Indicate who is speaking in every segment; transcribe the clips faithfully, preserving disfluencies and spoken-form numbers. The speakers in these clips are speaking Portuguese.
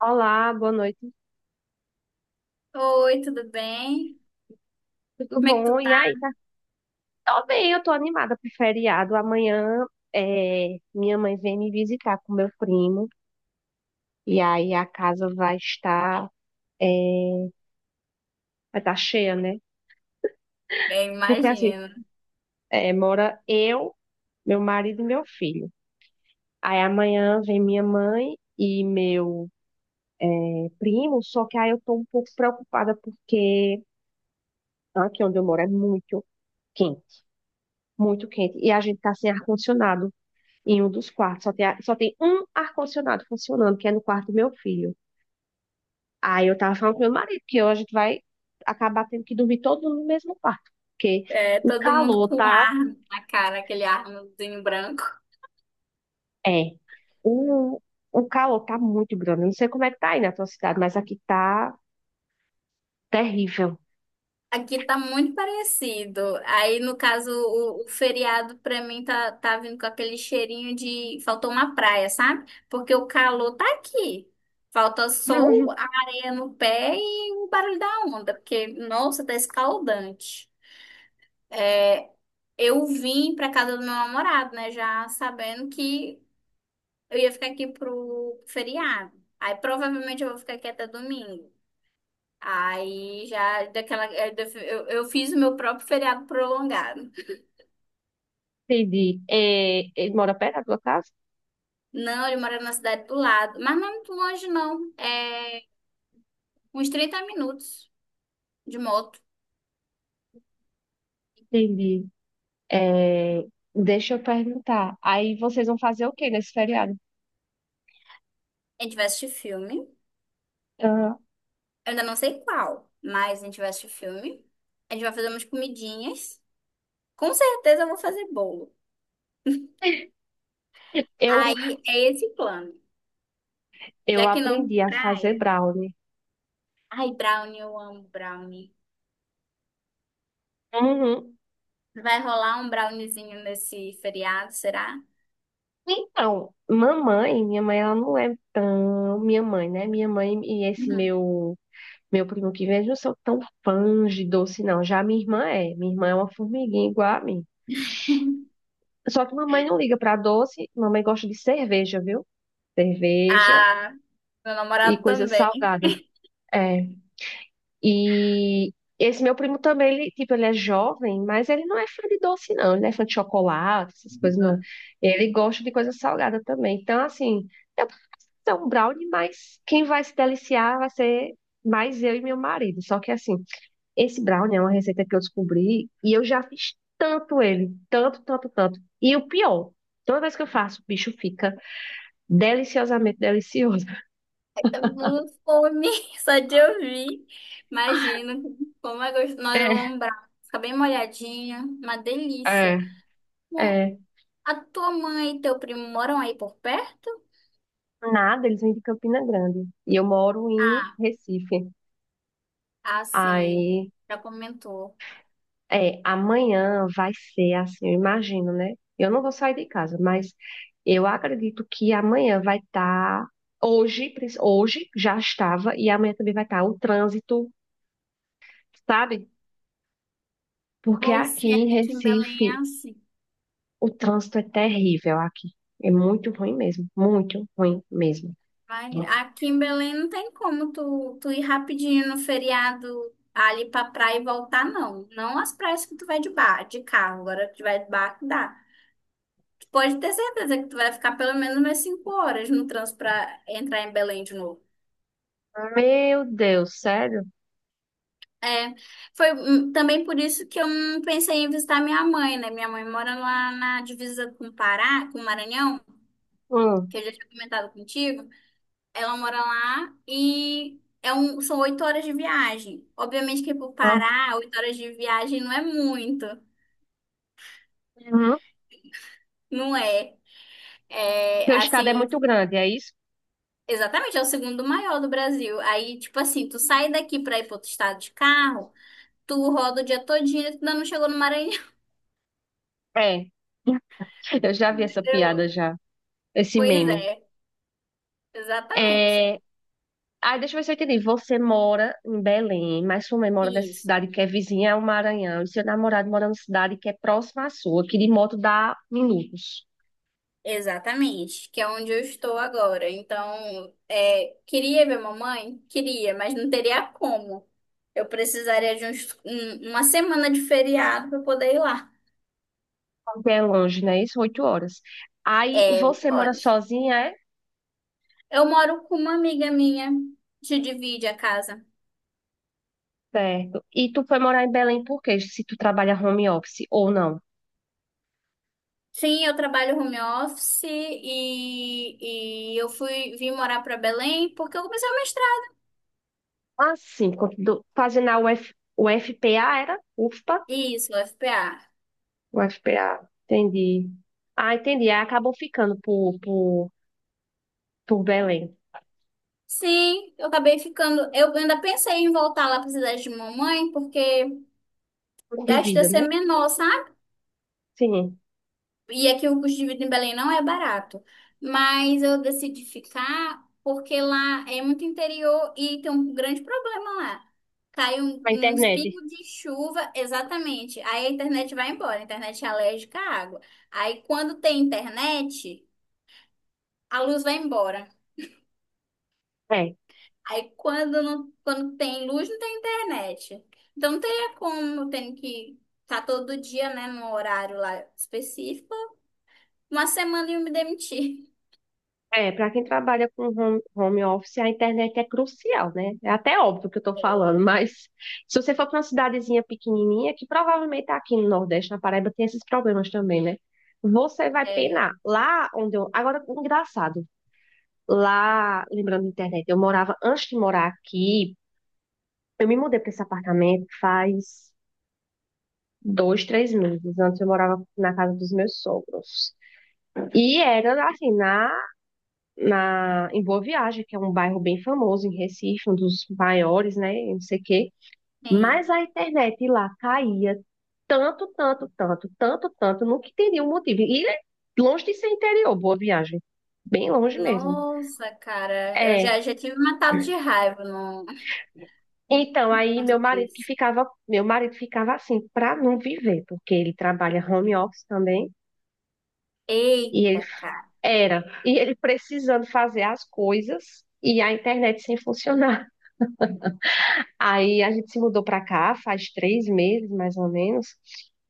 Speaker 1: Olá, boa noite.
Speaker 2: Oi, tudo bem?
Speaker 1: Tudo
Speaker 2: Como é que tu
Speaker 1: bom? E
Speaker 2: tá?
Speaker 1: aí, tá? Tô bem, eu tô animada pro feriado. Amanhã é, minha mãe vem me visitar com meu primo. E aí a casa vai estar, é, vai estar cheia, né?
Speaker 2: Bem,
Speaker 1: Porque assim,
Speaker 2: imagino.
Speaker 1: é, mora eu, meu marido e meu filho. Aí amanhã vem minha mãe e meu primo, só que aí eu tô um pouco preocupada porque aqui onde eu moro é muito quente, muito quente. E a gente tá sem ar-condicionado. em um dos quartos. Só tem, a- só tem um ar-condicionado funcionando, que é no quarto do meu filho. Aí eu tava falando com meu marido que hoje a gente vai acabar tendo que dormir todo mundo no mesmo quarto, porque
Speaker 2: É,
Speaker 1: o
Speaker 2: todo mundo
Speaker 1: calor
Speaker 2: com um
Speaker 1: tá.
Speaker 2: ar na cara, aquele arnozinho branco.
Speaker 1: É. O, o calor tá muito grande. Eu não sei como é que tá aí na tua cidade, mas aqui tá terrível.
Speaker 2: Aqui tá muito parecido. Aí, no caso, o, o feriado pra mim tá, tá vindo com aquele cheirinho de faltou uma praia, sabe? Porque o calor tá aqui. Falta sol, a areia no pé e o barulho da onda, porque, nossa, tá escaldante. Eu vim pra casa do meu namorado, né? Já sabendo que eu ia ficar aqui pro feriado. Aí provavelmente eu vou ficar aqui até domingo. Aí já daquela. Eu, eu eu fiz o meu próprio feriado prolongado.
Speaker 1: Entendi. É, ele mora perto da tua casa?
Speaker 2: Não, ele mora na cidade do lado. Mas não é muito longe, não. É uns trinta minutos de moto.
Speaker 1: Entendi. É, deixa eu perguntar. Aí vocês vão fazer o quê nesse feriado?
Speaker 2: A gente vai assistir filme. Eu
Speaker 1: Ah,
Speaker 2: ainda não sei qual, mas a gente vai assistir filme. A gente vai fazer umas comidinhas. Com certeza eu vou fazer bolo.
Speaker 1: eu
Speaker 2: Aí é esse o plano.
Speaker 1: Eu
Speaker 2: Já que não
Speaker 1: aprendi a fazer
Speaker 2: praia.
Speaker 1: brownie.
Speaker 2: Ai, brownie, eu amo brownie.
Speaker 1: Uhum.
Speaker 2: Vai rolar um browniezinho nesse feriado, será?
Speaker 1: Então, mamãe, minha mãe, ela não é tão minha mãe, né? Minha mãe e esse meu meu primo que vem, eles não são tão fãs de doce, não. Já minha irmã é. Minha irmã é uma formiguinha igual a mim.
Speaker 2: Uhum.
Speaker 1: Só que mamãe não liga pra doce, mamãe gosta de cerveja, viu? Cerveja
Speaker 2: Ah, meu
Speaker 1: e
Speaker 2: namorado
Speaker 1: coisa
Speaker 2: também.
Speaker 1: salgada. É. E esse meu primo também, ele, tipo, ele é jovem, mas ele não é fã de doce, não. Ele não é fã de chocolate, essas coisas, não. Ele gosta de coisa salgada também. Então, assim, eu posso ter um brownie, mas quem vai se deliciar vai ser mais eu e meu marido. Só que, assim, esse brownie é uma receita que eu descobri e eu já fiz tanto ele, tanto, tanto, tanto. E o pior, toda vez que eu faço, o bicho fica deliciosamente delicioso.
Speaker 2: Ai, tô com fome, só de ouvir. Imagino como é gostoso. Nós vamos um brownie. Fica bem molhadinha, uma
Speaker 1: É,
Speaker 2: delícia. Bom,
Speaker 1: é. É.
Speaker 2: a tua mãe e teu primo moram aí por perto?
Speaker 1: Nada, eles vêm de Campina Grande. E eu moro em
Speaker 2: Ah,
Speaker 1: Recife.
Speaker 2: ah, sim.
Speaker 1: Aí,
Speaker 2: Já comentou.
Speaker 1: é, amanhã vai ser assim, eu imagino, né? Eu não vou sair de casa, mas eu acredito que amanhã vai estar. hoje, prin- hoje já estava, e amanhã também vai estar o trânsito, sabe? Porque
Speaker 2: Ai,
Speaker 1: aqui
Speaker 2: sim,
Speaker 1: em
Speaker 2: aqui em Belém é
Speaker 1: Recife
Speaker 2: assim.
Speaker 1: o trânsito é terrível aqui. É muito ruim mesmo, muito ruim mesmo.
Speaker 2: Vai, aqui em Belém não tem como tu, tu ir rapidinho no feriado ali pra praia e voltar, não. Não as praias que tu vai de bar, de carro, agora que tu vai de barco dá. Tu pode ter certeza que tu vai ficar pelo menos umas cinco horas no trânsito pra entrar em Belém de novo.
Speaker 1: Meu Deus, sério?
Speaker 2: É, foi hum, também por isso que eu não pensei em visitar minha mãe, né? Minha mãe mora lá na divisa com o Pará, com o Maranhão,
Speaker 1: Hum,
Speaker 2: que eu já tinha comentado contigo. Ela mora lá e é um, são oito horas de viagem. Obviamente que pro
Speaker 1: hum,
Speaker 2: Pará, oito horas de viagem não é muito,
Speaker 1: uhum.
Speaker 2: não é? É
Speaker 1: Porque o estado é
Speaker 2: assim,
Speaker 1: muito grande, é isso?
Speaker 2: exatamente, é o segundo maior do Brasil. Aí, tipo assim, tu sai daqui pra ir pro outro estado de carro, tu roda o dia todinho e tu ainda não chegou no Maranhão.
Speaker 1: É. Eu já vi essa piada
Speaker 2: entendeu?
Speaker 1: já, esse
Speaker 2: Pois
Speaker 1: meme.
Speaker 2: é, exatamente.
Speaker 1: É... Ah, deixa eu ver se eu entendi. Você mora em Belém, mas sua mãe mora nessa
Speaker 2: Isso.
Speaker 1: cidade que é vizinha ao Maranhão, e seu namorado mora numa cidade que é próxima à sua, que de moto dá minutos.
Speaker 2: Exatamente, que é onde eu estou agora. Então, é, queria ver mamãe? Queria, mas não teria como. Eu precisaria de uns, um- uma semana de feriado para poder ir lá.
Speaker 1: Porque é longe, né? Isso, oito horas. Aí você mora
Speaker 2: Horas.
Speaker 1: sozinha, é?
Speaker 2: Eu moro com uma amiga minha, que divide a casa.
Speaker 1: Certo. E tu foi morar em Belém por quê? Se tu trabalha home office ou não?
Speaker 2: Sim, eu trabalho home office e, e eu fui vim morar para Belém porque eu comecei a mestrar.
Speaker 1: Assim, quando tu- fazendo a UF, UFPA, era? UFPA?
Speaker 2: Isso, o F P A.
Speaker 1: O FPA. Entendi. Ah, entendi. Aí acabou ficando por, por, por Belém.
Speaker 2: Sim, eu acabei ficando. Eu ainda pensei em voltar lá para cidade de mamãe porque o
Speaker 1: De
Speaker 2: gasto ia
Speaker 1: vida,
Speaker 2: ser
Speaker 1: né?
Speaker 2: menor, sabe?
Speaker 1: Sim.
Speaker 2: E aqui o custo de vida em Belém não é barato. Mas eu decidi ficar porque lá é muito interior e tem um grande problema lá. Cai um,
Speaker 1: A
Speaker 2: uns
Speaker 1: internet.
Speaker 2: pingos de chuva, exatamente. Aí a internet vai embora. A internet é alérgica à água. Aí quando tem internet, a luz vai embora.
Speaker 1: É.
Speaker 2: Aí quando, não, quando tem luz, não tem internet. Então não teria como, eu tenho que estar todo dia, né, num horário lá específico. Uma semana e eu me demitir.
Speaker 1: É, para quem trabalha com home, home office, a internet é crucial, né? É até óbvio que eu tô falando, mas se você for para uma cidadezinha pequenininha, que provavelmente tá aqui no Nordeste, na Paraíba, tem esses problemas também, né? Você vai
Speaker 2: É,
Speaker 1: penar. Lá onde eu. Agora, engraçado. Lá, lembrando da internet, eu morava, antes de morar aqui, eu me mudei para esse apartamento faz dois, três meses. Antes eu morava na casa dos meus sogros. E era assim, na, na, em Boa Viagem, que é um bairro bem famoso em Recife, um dos maiores, né? Não sei o quê.
Speaker 2: ei,
Speaker 1: Mas a internet lá caía tanto, tanto, tanto, tanto, tanto, não que teria um motivo. E é longe de ser interior, Boa Viagem. Bem longe mesmo.
Speaker 2: nossa, cara, eu
Speaker 1: É.
Speaker 2: já, já tive matado de raiva no
Speaker 1: Então, aí
Speaker 2: no
Speaker 1: meu marido que
Speaker 2: três.
Speaker 1: ficava, meu marido ficava assim, para não viver, porque ele trabalha home office também, e ele
Speaker 2: Eita, cara.
Speaker 1: era. E ele precisando fazer as coisas e a internet sem funcionar. Aí a gente se mudou para cá faz três meses, mais ou menos.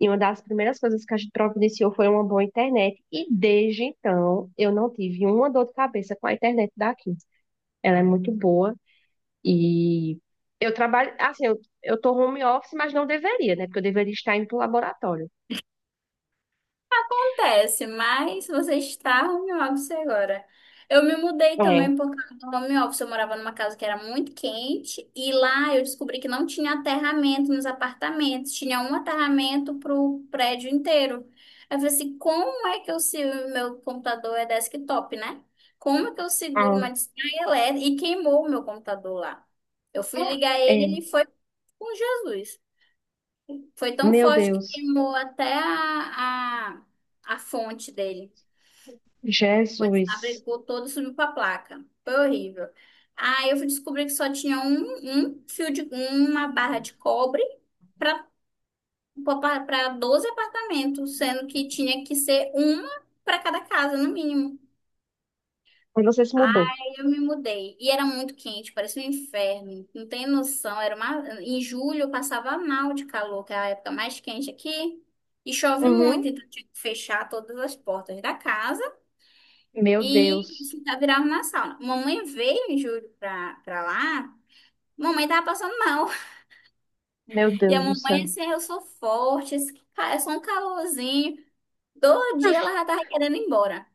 Speaker 1: E uma das primeiras coisas que a gente providenciou foi uma boa internet. E desde então, eu não tive uma dor de cabeça com a internet daqui. Ela é muito boa. E eu trabalho, assim, eu, eu tô home office, mas não deveria, né? Porque eu deveria estar indo pro laboratório.
Speaker 2: Acontece, mas você está home office agora. Eu me mudei
Speaker 1: É.
Speaker 2: também por causa do home office. Eu morava numa casa que era muito quente e lá eu descobri que não tinha aterramento nos apartamentos, tinha um aterramento para o prédio inteiro. Aí eu falei assim: como é que eu se o meu computador é desktop, né? Como é que eu seguro
Speaker 1: Ah.
Speaker 2: uma descarga elétrica? E queimou o meu computador lá. Eu fui ligar ele,
Speaker 1: É.
Speaker 2: ele foi com Jesus. Foi tão
Speaker 1: Meu
Speaker 2: forte que
Speaker 1: Deus.
Speaker 2: queimou até a, a, a fonte dele. Quando
Speaker 1: Jesus.
Speaker 2: abrigou todo, subiu para a placa. Foi horrível. Aí eu fui descobrir que só tinha um, um fio de uma barra de cobre para para doze apartamentos, sendo que tinha que ser uma para cada casa, no mínimo.
Speaker 1: Mas você se mudou.
Speaker 2: Aí eu me mudei. E era muito quente, parecia um inferno. Não tem noção. Era uma... Em julho eu passava mal de calor, que é a época mais quente aqui. E chove
Speaker 1: Uhum.
Speaker 2: muito, então eu tinha que fechar todas as portas da casa
Speaker 1: Meu
Speaker 2: e
Speaker 1: Deus.
Speaker 2: ficar virava uma sauna. Mamãe veio em julho pra, pra lá, mamãe tava passando mal.
Speaker 1: Meu
Speaker 2: E a
Speaker 1: Deus do
Speaker 2: mamãe
Speaker 1: céu.
Speaker 2: assim, "Ah, eu sou forte, esse ca- é só um calorzinho. Todo dia ela já tava querendo ir embora.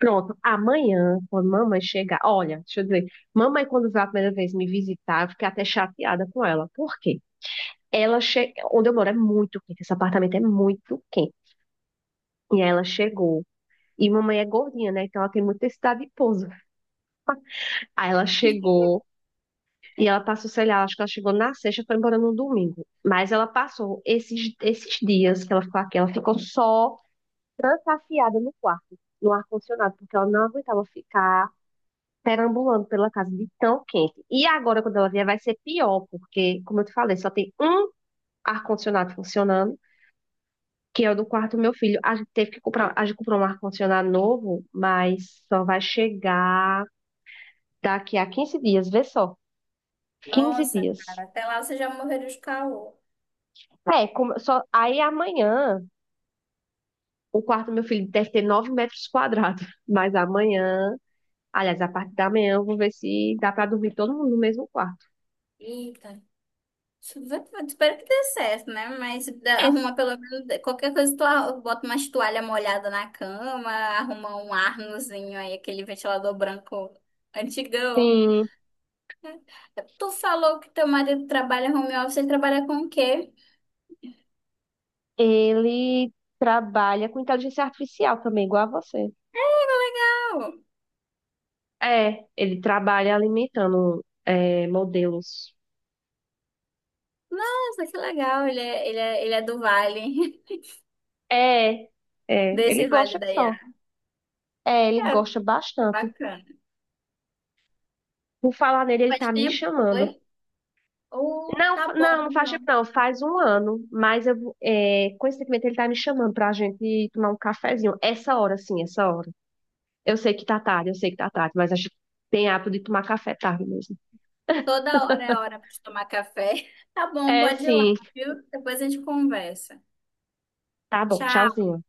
Speaker 1: Pronto, amanhã, quando mamãe chegar, olha, deixa eu dizer, mamãe, quando veio a primeira vez me visitar, eu fiquei até chateada com ela. Por quê? Ela che... Onde eu moro é muito quente, esse apartamento é muito quente. E aí ela chegou. E mamãe é gordinha, né? Então ela tem muita necessidade de pouso. Aí ela chegou e ela passou, sei lá, acho que ela chegou na sexta, foi embora no domingo. Mas ela passou esses, esses dias que ela ficou aqui, ela ficou só. trancafiada no quarto, no ar-condicionado, porque ela não aguentava ficar perambulando pela casa de tão quente. E agora, quando ela vier, vai ser pior, porque, como eu te falei, só tem um ar-condicionado funcionando, que é o do quarto do meu filho. A gente teve que comprar, a gente comprou um ar-condicionado novo, mas só vai chegar daqui a quinze dias, vê só, quinze
Speaker 2: Nossa,
Speaker 1: dias.
Speaker 2: cara, até lá você já morreria de calor.
Speaker 1: É, como, só, aí amanhã o quarto do meu filho deve ter nove metros quadrados, mas amanhã Aliás, a parte da manhã eu vou ver se dá para dormir todo mundo no mesmo quarto.
Speaker 2: Eita. Isso vai- Espero que dê certo, né? Mas dá-
Speaker 1: Esse,
Speaker 2: arruma pelo menos qualquer coisa, tu arru- bota umas toalha molhada na cama, arruma um arnozinho aí, aquele ventilador branco antigão.
Speaker 1: sim,
Speaker 2: Tu falou que teu marido trabalha home office, ele trabalha com o quê?
Speaker 1: ele trabalha com inteligência artificial também, igual a você.
Speaker 2: Legal.
Speaker 1: É, ele trabalha alimentando é, modelos.
Speaker 2: Nossa, que legal, ele é, ele é, ele é do Vale,
Speaker 1: É, é, ele
Speaker 2: desse Vale
Speaker 1: gosta que
Speaker 2: da
Speaker 1: só.
Speaker 2: Iara.
Speaker 1: É, ele
Speaker 2: É,
Speaker 1: gosta bastante.
Speaker 2: bacana.
Speaker 1: Por falar nele, ele
Speaker 2: Faz
Speaker 1: tá me
Speaker 2: tempo,
Speaker 1: chamando.
Speaker 2: foi? Oh,
Speaker 1: Não, fa-
Speaker 2: tá bom,
Speaker 1: não, não faz tempo
Speaker 2: então.
Speaker 1: não, faz um ano, mas eu, vou- é, coincidentemente ele tá me chamando pra gente tomar um cafezinho. Essa hora, sim, essa hora. Eu sei que tá tarde, eu sei que tá tarde, mas acho que tem hábito de tomar café tarde mesmo.
Speaker 2: Toda hora é hora para tomar café. Tá bom,
Speaker 1: É,
Speaker 2: pode ir lá,
Speaker 1: sim.
Speaker 2: viu? Depois a gente conversa.
Speaker 1: Tá bom,
Speaker 2: Tchau.
Speaker 1: tchauzinho.